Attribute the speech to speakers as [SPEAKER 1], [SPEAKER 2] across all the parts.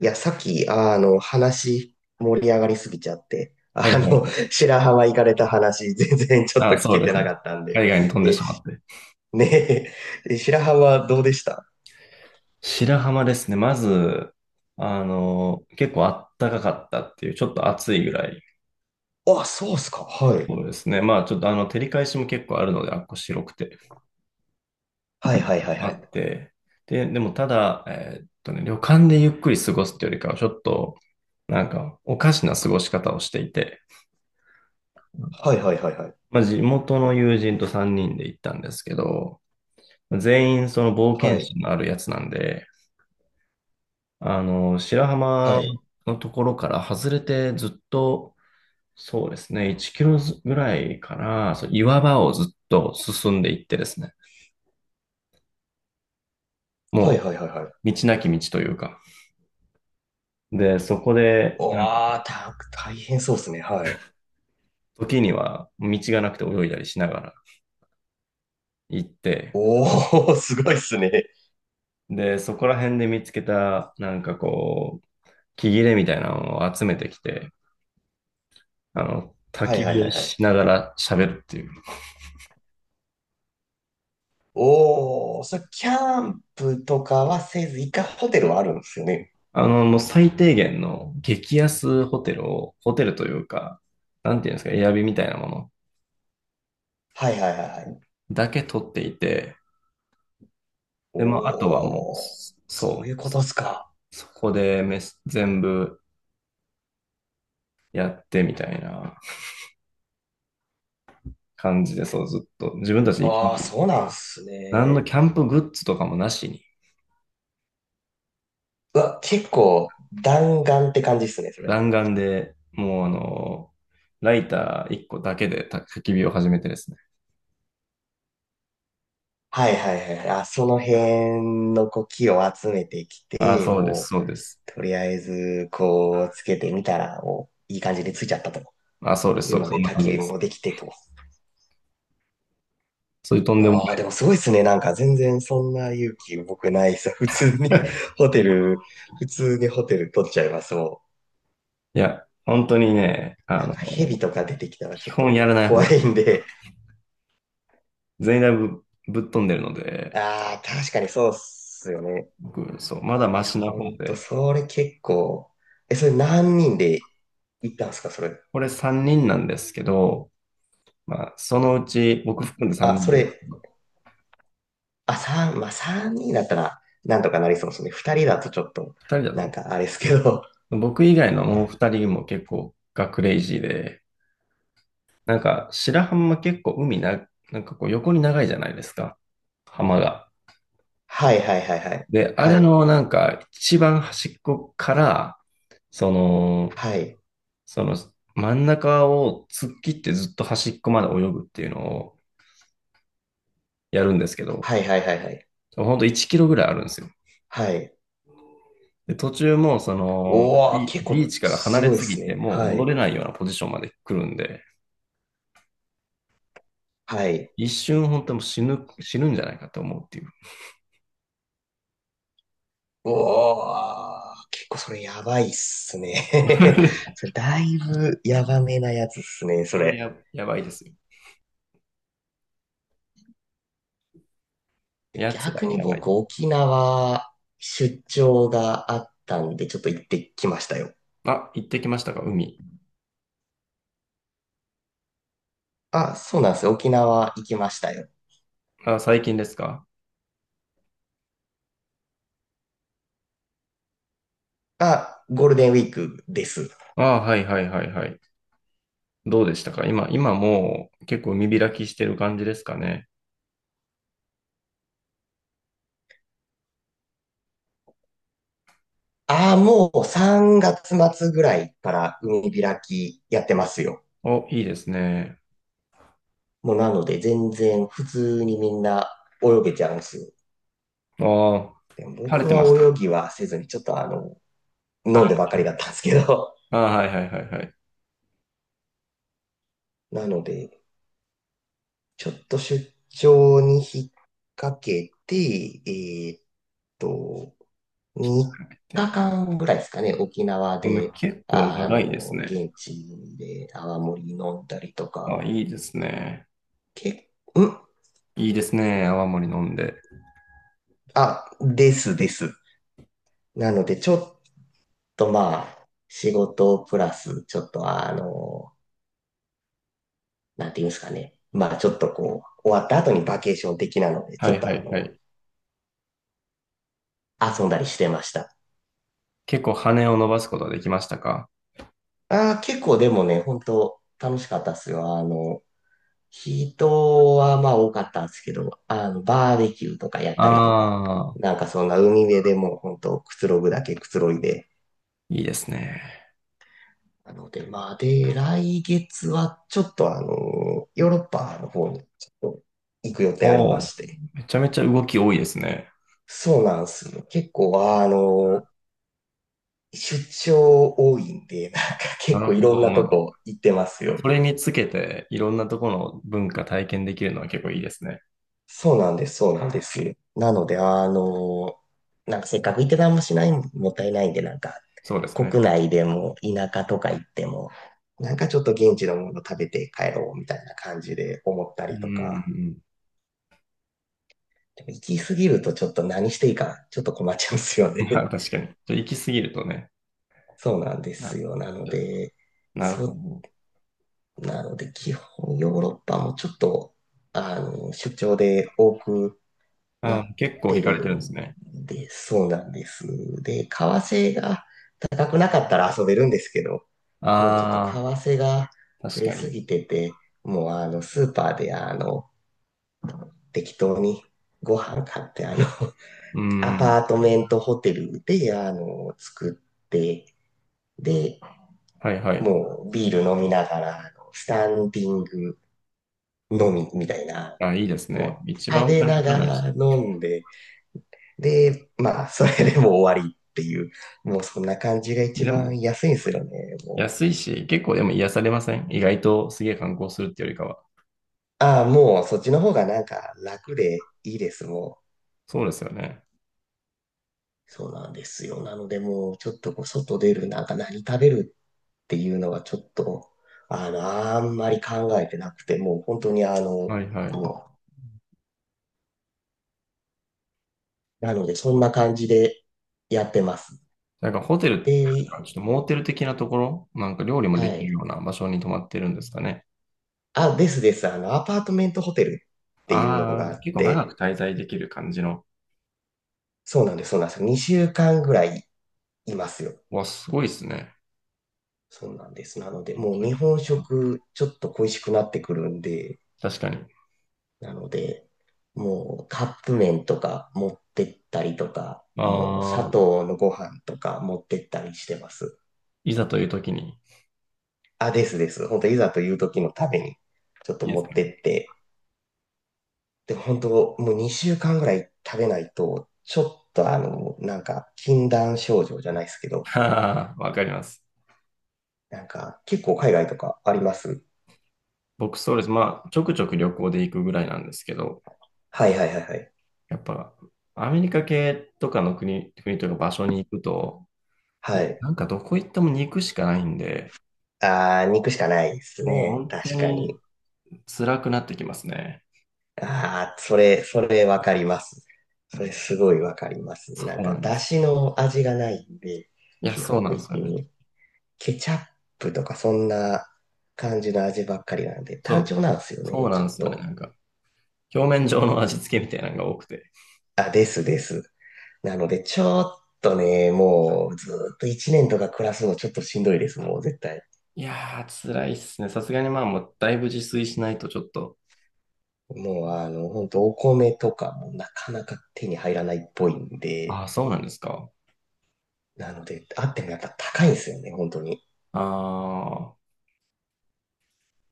[SPEAKER 1] いや、さっき、話、盛り上がりすぎちゃって、
[SPEAKER 2] はいはい。
[SPEAKER 1] 白浜行かれた話、全然ちょっと
[SPEAKER 2] あ、
[SPEAKER 1] 聞
[SPEAKER 2] そう
[SPEAKER 1] け
[SPEAKER 2] で
[SPEAKER 1] て
[SPEAKER 2] すね。
[SPEAKER 1] なかったんで、
[SPEAKER 2] 海外に飛んで
[SPEAKER 1] え、
[SPEAKER 2] しまっ
[SPEAKER 1] し
[SPEAKER 2] て。
[SPEAKER 1] ねえ、え白浜どうでした？
[SPEAKER 2] 白浜ですね。まず、結構あったかかったっていう、ちょっと暑いぐらい。
[SPEAKER 1] あ、そうっすか。はい。
[SPEAKER 2] そうですね。まあ、ちょっと、照り返しも結構あるので、あっこ白くて、
[SPEAKER 1] はいはいはい
[SPEAKER 2] あ
[SPEAKER 1] は
[SPEAKER 2] っ
[SPEAKER 1] い。
[SPEAKER 2] て。でもただ、旅館でゆっくり過ごすっていうよりかは、ちょっと、なんか、おかしな過ごし方をしていて、
[SPEAKER 1] はいはいはいはい。
[SPEAKER 2] まあ、地元の友人と3人で行ったんですけど、全員その冒
[SPEAKER 1] は
[SPEAKER 2] 険
[SPEAKER 1] い。
[SPEAKER 2] 心のあるやつなんで、白
[SPEAKER 1] は
[SPEAKER 2] 浜
[SPEAKER 1] い。
[SPEAKER 2] のところから外れてずっと、そうですね、1キロぐらいから、そう岩場をずっと進んでいってですね、
[SPEAKER 1] は
[SPEAKER 2] も
[SPEAKER 1] いはいはいはい。
[SPEAKER 2] う道なき道というか、で、そこで、
[SPEAKER 1] う
[SPEAKER 2] う
[SPEAKER 1] わ
[SPEAKER 2] ん
[SPEAKER 1] ー、た、大変そうっすね。はい。
[SPEAKER 2] 時には道がなくて泳いだりしながら行って、
[SPEAKER 1] おー、すごいっすね。
[SPEAKER 2] で、そこら辺で見つけた、なんかこう、木切れみたいなのを集めてきて、焚
[SPEAKER 1] はい
[SPEAKER 2] き
[SPEAKER 1] はい
[SPEAKER 2] 火
[SPEAKER 1] は
[SPEAKER 2] を
[SPEAKER 1] いはい。
[SPEAKER 2] しながら喋るっていう。
[SPEAKER 1] おー、それ、キャンプとかはせず、一回ホテルはあるんですよね？
[SPEAKER 2] もう最低限の激安ホテルを、ホテルというか、なんていうんですか、エアビみたいなもの
[SPEAKER 1] はいはいはいはい。
[SPEAKER 2] だけ取っていて、で、まあ、あとはもう、
[SPEAKER 1] おー、そうい
[SPEAKER 2] そ
[SPEAKER 1] うことっすか。
[SPEAKER 2] う、そこでめ全部やってみたいな感じで、そう、ずっと、自分たちで生き抜
[SPEAKER 1] ああ、
[SPEAKER 2] き
[SPEAKER 1] そうなんす
[SPEAKER 2] 何の
[SPEAKER 1] ね。
[SPEAKER 2] キャンプグッズとかもなしに、
[SPEAKER 1] うわ、結構弾丸って感じっすね、それ。
[SPEAKER 2] 弾丸で、もう、ライター1個だけで焚き火を始めてですね。
[SPEAKER 1] はいはいはい。あ、その辺のこう木を集めてき
[SPEAKER 2] あ、
[SPEAKER 1] て、
[SPEAKER 2] そうです、
[SPEAKER 1] もう、
[SPEAKER 2] そうです。
[SPEAKER 1] とりあえず、こう、つけてみたら、もう、いい感じでついちゃったと
[SPEAKER 2] あ、そうです、
[SPEAKER 1] い
[SPEAKER 2] そ
[SPEAKER 1] う
[SPEAKER 2] うで
[SPEAKER 1] の
[SPEAKER 2] す、そ
[SPEAKER 1] で、
[SPEAKER 2] んな
[SPEAKER 1] 焚
[SPEAKER 2] 感
[SPEAKER 1] き
[SPEAKER 2] じ
[SPEAKER 1] 火
[SPEAKER 2] です。
[SPEAKER 1] もできてと。
[SPEAKER 2] そういうとんでもな
[SPEAKER 1] ああ、でもすごいっすね。なんか全然そんな勇気僕ないっす。普通に
[SPEAKER 2] い。
[SPEAKER 1] ホテル、普通にホテル取っちゃいます、も
[SPEAKER 2] いや、本当にね、
[SPEAKER 1] う。なんか蛇とか出てきたら
[SPEAKER 2] 基
[SPEAKER 1] ちょっ
[SPEAKER 2] 本
[SPEAKER 1] と
[SPEAKER 2] やらない方が
[SPEAKER 1] 怖
[SPEAKER 2] いい。
[SPEAKER 1] いんで。
[SPEAKER 2] 全員だいぶぶっ飛んでるので、
[SPEAKER 1] ああ、確かにそうっすよね。
[SPEAKER 2] 僕、そう、まだマ
[SPEAKER 1] いや、
[SPEAKER 2] シな
[SPEAKER 1] ほ
[SPEAKER 2] 方
[SPEAKER 1] んと、
[SPEAKER 2] で、
[SPEAKER 1] それ結構、え、それ何人で行ったんすか、それ。
[SPEAKER 2] これ3人なんですけど、まあ、そのうち、僕含んで3
[SPEAKER 1] あ、
[SPEAKER 2] 人
[SPEAKER 1] そ
[SPEAKER 2] なんですけ
[SPEAKER 1] れ、
[SPEAKER 2] ど、
[SPEAKER 1] あ、三、まあ、三人だったら、なんとかなりそうですね。二人だとちょっと、
[SPEAKER 2] 人だと
[SPEAKER 1] なん
[SPEAKER 2] ね、
[SPEAKER 1] かあれですけど。
[SPEAKER 2] 僕以外のもう2人も結構がクレイジーで、なんか、白浜結構海な、なんかこう横に長いじゃないですか、浜が。
[SPEAKER 1] はいはいはいはい。
[SPEAKER 2] で、あ
[SPEAKER 1] は
[SPEAKER 2] れ
[SPEAKER 1] い。
[SPEAKER 2] のなんか、一番端っこから、その、
[SPEAKER 1] はい。
[SPEAKER 2] その真ん中を突っ切ってずっと端っこまで泳ぐっていうのをやるんですけど、
[SPEAKER 1] はいはいはいはい。
[SPEAKER 2] ほんと1キロぐらいあるんですよ。
[SPEAKER 1] はい。
[SPEAKER 2] で、途中もその
[SPEAKER 1] おー、結
[SPEAKER 2] ビー
[SPEAKER 1] 構
[SPEAKER 2] チから離
[SPEAKER 1] す
[SPEAKER 2] れ
[SPEAKER 1] ごいっ
[SPEAKER 2] す
[SPEAKER 1] す
[SPEAKER 2] ぎて
[SPEAKER 1] ね。
[SPEAKER 2] もう
[SPEAKER 1] は
[SPEAKER 2] 戻
[SPEAKER 1] い。
[SPEAKER 2] れないようなポジションまで来るんで、
[SPEAKER 1] はい。
[SPEAKER 2] 一瞬本当もう死ぬんじゃないかと思うっていう。
[SPEAKER 1] おー、結構それやばいっすね。そ れだいぶやばめなやつっすね、そ
[SPEAKER 2] これ
[SPEAKER 1] れ。
[SPEAKER 2] や、やばいですよ。やつら
[SPEAKER 1] 逆
[SPEAKER 2] が
[SPEAKER 1] に
[SPEAKER 2] やばい。
[SPEAKER 1] 僕、沖縄出張があったんで、ちょっと行ってきましたよ。
[SPEAKER 2] あ、行ってきましたか海。
[SPEAKER 1] あ、そうなんですよ。沖縄行きましたよ。
[SPEAKER 2] あ、最近ですか？
[SPEAKER 1] あ、ゴールデンウィークです。
[SPEAKER 2] あ、はいはいはいはい。どうでしたか今、今もう結構海開きしてる感じですかね。
[SPEAKER 1] あ、もう3月末ぐらいから海開きやってますよ。
[SPEAKER 2] お、いいですね。
[SPEAKER 1] もうなので全然普通にみんな泳げちゃうんですよ。
[SPEAKER 2] ああ、
[SPEAKER 1] でも
[SPEAKER 2] 晴れ
[SPEAKER 1] 僕
[SPEAKER 2] て
[SPEAKER 1] は
[SPEAKER 2] ました。
[SPEAKER 1] 泳ぎはせずにちょっと、飲んで
[SPEAKER 2] あ
[SPEAKER 1] ばかりだったんですけど。
[SPEAKER 2] あ、はいはいはいはい。
[SPEAKER 1] なので、ちょっと出張に引っ掛けて、と、3
[SPEAKER 2] で、
[SPEAKER 1] 日間ぐらいですかね、沖縄
[SPEAKER 2] でも
[SPEAKER 1] で、
[SPEAKER 2] 結構
[SPEAKER 1] あ
[SPEAKER 2] 長いです
[SPEAKER 1] の、
[SPEAKER 2] ね。
[SPEAKER 1] 現地で泡盛飲んだりと
[SPEAKER 2] あ、
[SPEAKER 1] か、
[SPEAKER 2] いいですね。
[SPEAKER 1] け、ん、
[SPEAKER 2] いいですね。泡盛飲んで。
[SPEAKER 1] あ、ですです。なので、ちょっとまあ、仕事プラス、ちょっと、なんていうんですかね。まあ、ちょっとこう、終わった後にバケーション的なので、ち
[SPEAKER 2] は
[SPEAKER 1] ょっ
[SPEAKER 2] いは
[SPEAKER 1] とあ
[SPEAKER 2] いは
[SPEAKER 1] の、
[SPEAKER 2] い。
[SPEAKER 1] 遊んだりしてました。
[SPEAKER 2] 結構羽を伸ばすことはできましたか？
[SPEAKER 1] ああ、結構でもね、本当楽しかったっすよ。あの、人はまあ多かったんですけど、あの、バーベキューとかやったりとか、
[SPEAKER 2] ああ、
[SPEAKER 1] なんかそんな海辺でもう本当くつろぐだけくつろいで。
[SPEAKER 2] いいですね。
[SPEAKER 1] なので、まあで、来月はちょっと、ヨーロッパの方にちょっと行く予定あり
[SPEAKER 2] お
[SPEAKER 1] ま
[SPEAKER 2] お、
[SPEAKER 1] して。
[SPEAKER 2] めちゃめちゃ動き多いですね。
[SPEAKER 1] そうなんですよ。結構あの、出張多いんで、なんか
[SPEAKER 2] な
[SPEAKER 1] 結
[SPEAKER 2] る
[SPEAKER 1] 構い
[SPEAKER 2] ほ
[SPEAKER 1] ろん
[SPEAKER 2] ど。
[SPEAKER 1] な
[SPEAKER 2] まあ、
[SPEAKER 1] とこ行ってますよ。
[SPEAKER 2] それにつけて、いろんなところの文化体験できるのは結構いいですね。
[SPEAKER 1] そうなんです、そうなんです。なので、あの、なんかせっかく行ってたんもしないもったいないんで、なんか
[SPEAKER 2] そうです
[SPEAKER 1] 国
[SPEAKER 2] ね。
[SPEAKER 1] 内でも田舎とか行っても、なんかちょっと現地のもの食べて帰ろうみたいな感じで思った
[SPEAKER 2] う
[SPEAKER 1] りとか、
[SPEAKER 2] ん。
[SPEAKER 1] でも行き過ぎるとちょっと何していいかちょっと困っちゃうんですよ
[SPEAKER 2] うん。まあ、
[SPEAKER 1] ね。
[SPEAKER 2] 確かに。ちょっと行き過ぎるとね。
[SPEAKER 1] そうなんです
[SPEAKER 2] な、
[SPEAKER 1] よ。なので、
[SPEAKER 2] なる
[SPEAKER 1] そ
[SPEAKER 2] ほ
[SPEAKER 1] う、
[SPEAKER 2] ど。
[SPEAKER 1] なので基本ヨーロッパもちょっと、あの、出張で多くな
[SPEAKER 2] あー、
[SPEAKER 1] っ
[SPEAKER 2] 結構
[SPEAKER 1] て
[SPEAKER 2] 行かれ
[SPEAKER 1] る
[SPEAKER 2] てるんです
[SPEAKER 1] ん
[SPEAKER 2] ね。
[SPEAKER 1] で、そうなんです。で、為替が高くなかったら遊べるんですけど、もうちょっと為
[SPEAKER 2] あ
[SPEAKER 1] 替が
[SPEAKER 2] あ、
[SPEAKER 1] 触
[SPEAKER 2] 確
[SPEAKER 1] れ
[SPEAKER 2] か
[SPEAKER 1] す
[SPEAKER 2] に。
[SPEAKER 1] ぎてて、もうあの、スーパーであの、適当にご飯買って、あの、
[SPEAKER 2] う
[SPEAKER 1] ア
[SPEAKER 2] ん。
[SPEAKER 1] パートメントホテルで、あの、作って、で、
[SPEAKER 2] はいはい。
[SPEAKER 1] もうビール飲みながら、あのスタンディング飲みみたいな、
[SPEAKER 2] あ、いいですね。
[SPEAKER 1] もう
[SPEAKER 2] 一番
[SPEAKER 1] 食
[SPEAKER 2] お
[SPEAKER 1] べ
[SPEAKER 2] 金
[SPEAKER 1] な
[SPEAKER 2] かか
[SPEAKER 1] が
[SPEAKER 2] らないし。
[SPEAKER 1] ら飲んで、で、まあ、それでもう終わりっていう、もうそんな感じが一
[SPEAKER 2] でも、
[SPEAKER 1] 番安いんですよね、もう。
[SPEAKER 2] 安いし、結構でも癒されません？意外とすげえ観光するってよりかは。
[SPEAKER 1] ああ、もうそっちの方がなんか楽でいいです、もう。
[SPEAKER 2] そうですよね。
[SPEAKER 1] そうなんですよ。なのでもうちょっとこう外出る、なんか何食べるっていうのがちょっと、あの、あんまり考えてなくて、もう本当にあの、
[SPEAKER 2] はいはい。
[SPEAKER 1] もう、なのでそんな感じでやってます。
[SPEAKER 2] なんかホテルっていう
[SPEAKER 1] で、
[SPEAKER 2] か、ちょっとモーテル的なところ、なんか料理も
[SPEAKER 1] は
[SPEAKER 2] できるよ
[SPEAKER 1] い。
[SPEAKER 2] うな場所に泊まってるんですかね。
[SPEAKER 1] あ、ですです。あの、アパートメントホテルっていうのが
[SPEAKER 2] あ
[SPEAKER 1] あ
[SPEAKER 2] あ、
[SPEAKER 1] っ
[SPEAKER 2] 結構長く
[SPEAKER 1] て、
[SPEAKER 2] 滞在できる感じの。
[SPEAKER 1] そうなんです、そうなんです。2週間ぐらいいますよ。
[SPEAKER 2] わ、すごいですね。
[SPEAKER 1] そうなんです。なので、もう日本食ちょっと恋しくなってくるんで、
[SPEAKER 2] 確かに。
[SPEAKER 1] なので、もうカップ麺とか持ってったりとか、もう砂
[SPEAKER 2] ああ、
[SPEAKER 1] 糖のご飯とか持ってったりしてます。
[SPEAKER 2] いざという時に。
[SPEAKER 1] あ、ですです。本当いざという時のために、ちょっと
[SPEAKER 2] いいで
[SPEAKER 1] 持
[SPEAKER 2] す
[SPEAKER 1] って
[SPEAKER 2] ね。
[SPEAKER 1] って。で、本当もう2週間ぐらい食べないと、ちょっと、なんか、禁断症状じゃないですけど、
[SPEAKER 2] ははははわかります。
[SPEAKER 1] なんか、結構海外とかあります？
[SPEAKER 2] 僕そうです。まあ、ちょくちょく旅行で行くぐらいなんですけど、
[SPEAKER 1] はいはいはいはい。
[SPEAKER 2] やっぱ、アメリカ系とかの国、国というか場所に行くと、
[SPEAKER 1] はい。
[SPEAKER 2] なんかどこ行っても肉しかないんで、
[SPEAKER 1] あー、肉しかないです
[SPEAKER 2] もう
[SPEAKER 1] ね。
[SPEAKER 2] 本当
[SPEAKER 1] 確か
[SPEAKER 2] に
[SPEAKER 1] に。
[SPEAKER 2] 辛くなってきますね。
[SPEAKER 1] ああ、それ、それわかります。それすごいわかります。
[SPEAKER 2] そ
[SPEAKER 1] な
[SPEAKER 2] う
[SPEAKER 1] んか、
[SPEAKER 2] なんで
[SPEAKER 1] だ
[SPEAKER 2] す。
[SPEAKER 1] しの味がないんで、
[SPEAKER 2] いや、
[SPEAKER 1] 基
[SPEAKER 2] そう
[SPEAKER 1] 本
[SPEAKER 2] なんですよ
[SPEAKER 1] 的
[SPEAKER 2] ね。
[SPEAKER 1] に。ケチャップとかそんな感じの味ばっかりなんで、
[SPEAKER 2] そ
[SPEAKER 1] 単
[SPEAKER 2] う、
[SPEAKER 1] 調なんですよ
[SPEAKER 2] そう
[SPEAKER 1] ね、ち
[SPEAKER 2] な
[SPEAKER 1] ょ
[SPEAKER 2] んで
[SPEAKER 1] っ
[SPEAKER 2] すよね。
[SPEAKER 1] と。
[SPEAKER 2] なんか、表面上の味付けみたいなのが多くて。
[SPEAKER 1] あ、ですです。なので、ちょっとね、もうずーっと1年とか暮らすのちょっとしんどいです、もう絶対。
[SPEAKER 2] いやー、辛いっすね。さすがにまあ、もうだいぶ自炊しないとちょっと、
[SPEAKER 1] もうあの、ほんとお米とかもなかなか手に入らないっぽいん
[SPEAKER 2] あ
[SPEAKER 1] で、
[SPEAKER 2] あ、そうなんですか。
[SPEAKER 1] なので、あってもやっぱ高いんですよね、本当に。
[SPEAKER 2] ああ、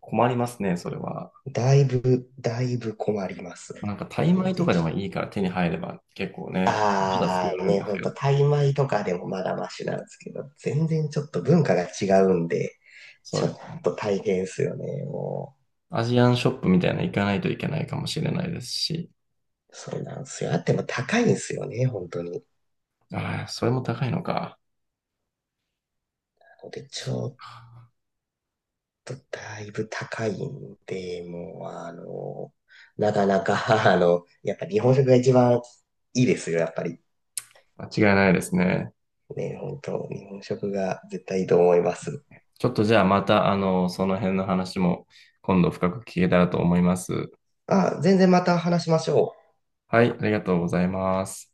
[SPEAKER 2] 困りますね、それは。
[SPEAKER 1] だいぶ、だいぶ困ります。
[SPEAKER 2] なんか、タ
[SPEAKER 1] な
[SPEAKER 2] イ
[SPEAKER 1] の
[SPEAKER 2] 米と
[SPEAKER 1] で、
[SPEAKER 2] か
[SPEAKER 1] ち
[SPEAKER 2] で
[SPEAKER 1] ょ
[SPEAKER 2] も
[SPEAKER 1] っと、
[SPEAKER 2] いいから手に入れば結構ね、まだ作ら
[SPEAKER 1] あ
[SPEAKER 2] れ
[SPEAKER 1] あ
[SPEAKER 2] るん
[SPEAKER 1] ね、
[SPEAKER 2] です
[SPEAKER 1] ほん
[SPEAKER 2] けど。
[SPEAKER 1] と、タイ米とかでもまだマシなんですけど、全然ちょっと文化が違うんで、
[SPEAKER 2] そう
[SPEAKER 1] ちょ
[SPEAKER 2] で
[SPEAKER 1] っ
[SPEAKER 2] す。
[SPEAKER 1] と大変ですよね、もう。
[SPEAKER 2] アジアンショップみたいなの行かないといけないかもしれないですし。
[SPEAKER 1] そうなんですよ。あっても高いんですよね、本当に。
[SPEAKER 2] ああ、それも高いのか。
[SPEAKER 1] なので、ちょっとだいぶ高いんで、もう、あの、なかなか、あの、やっぱ日本食が一番いいですよ、やっぱり。
[SPEAKER 2] 間違いないですね。
[SPEAKER 1] ね、本当、日本食が絶対いいと思います。
[SPEAKER 2] ちょっとじゃあまた、その辺の話も今度深く聞けたらと思います。
[SPEAKER 1] あ、全然また話しましょう。
[SPEAKER 2] はい、ありがとうございます。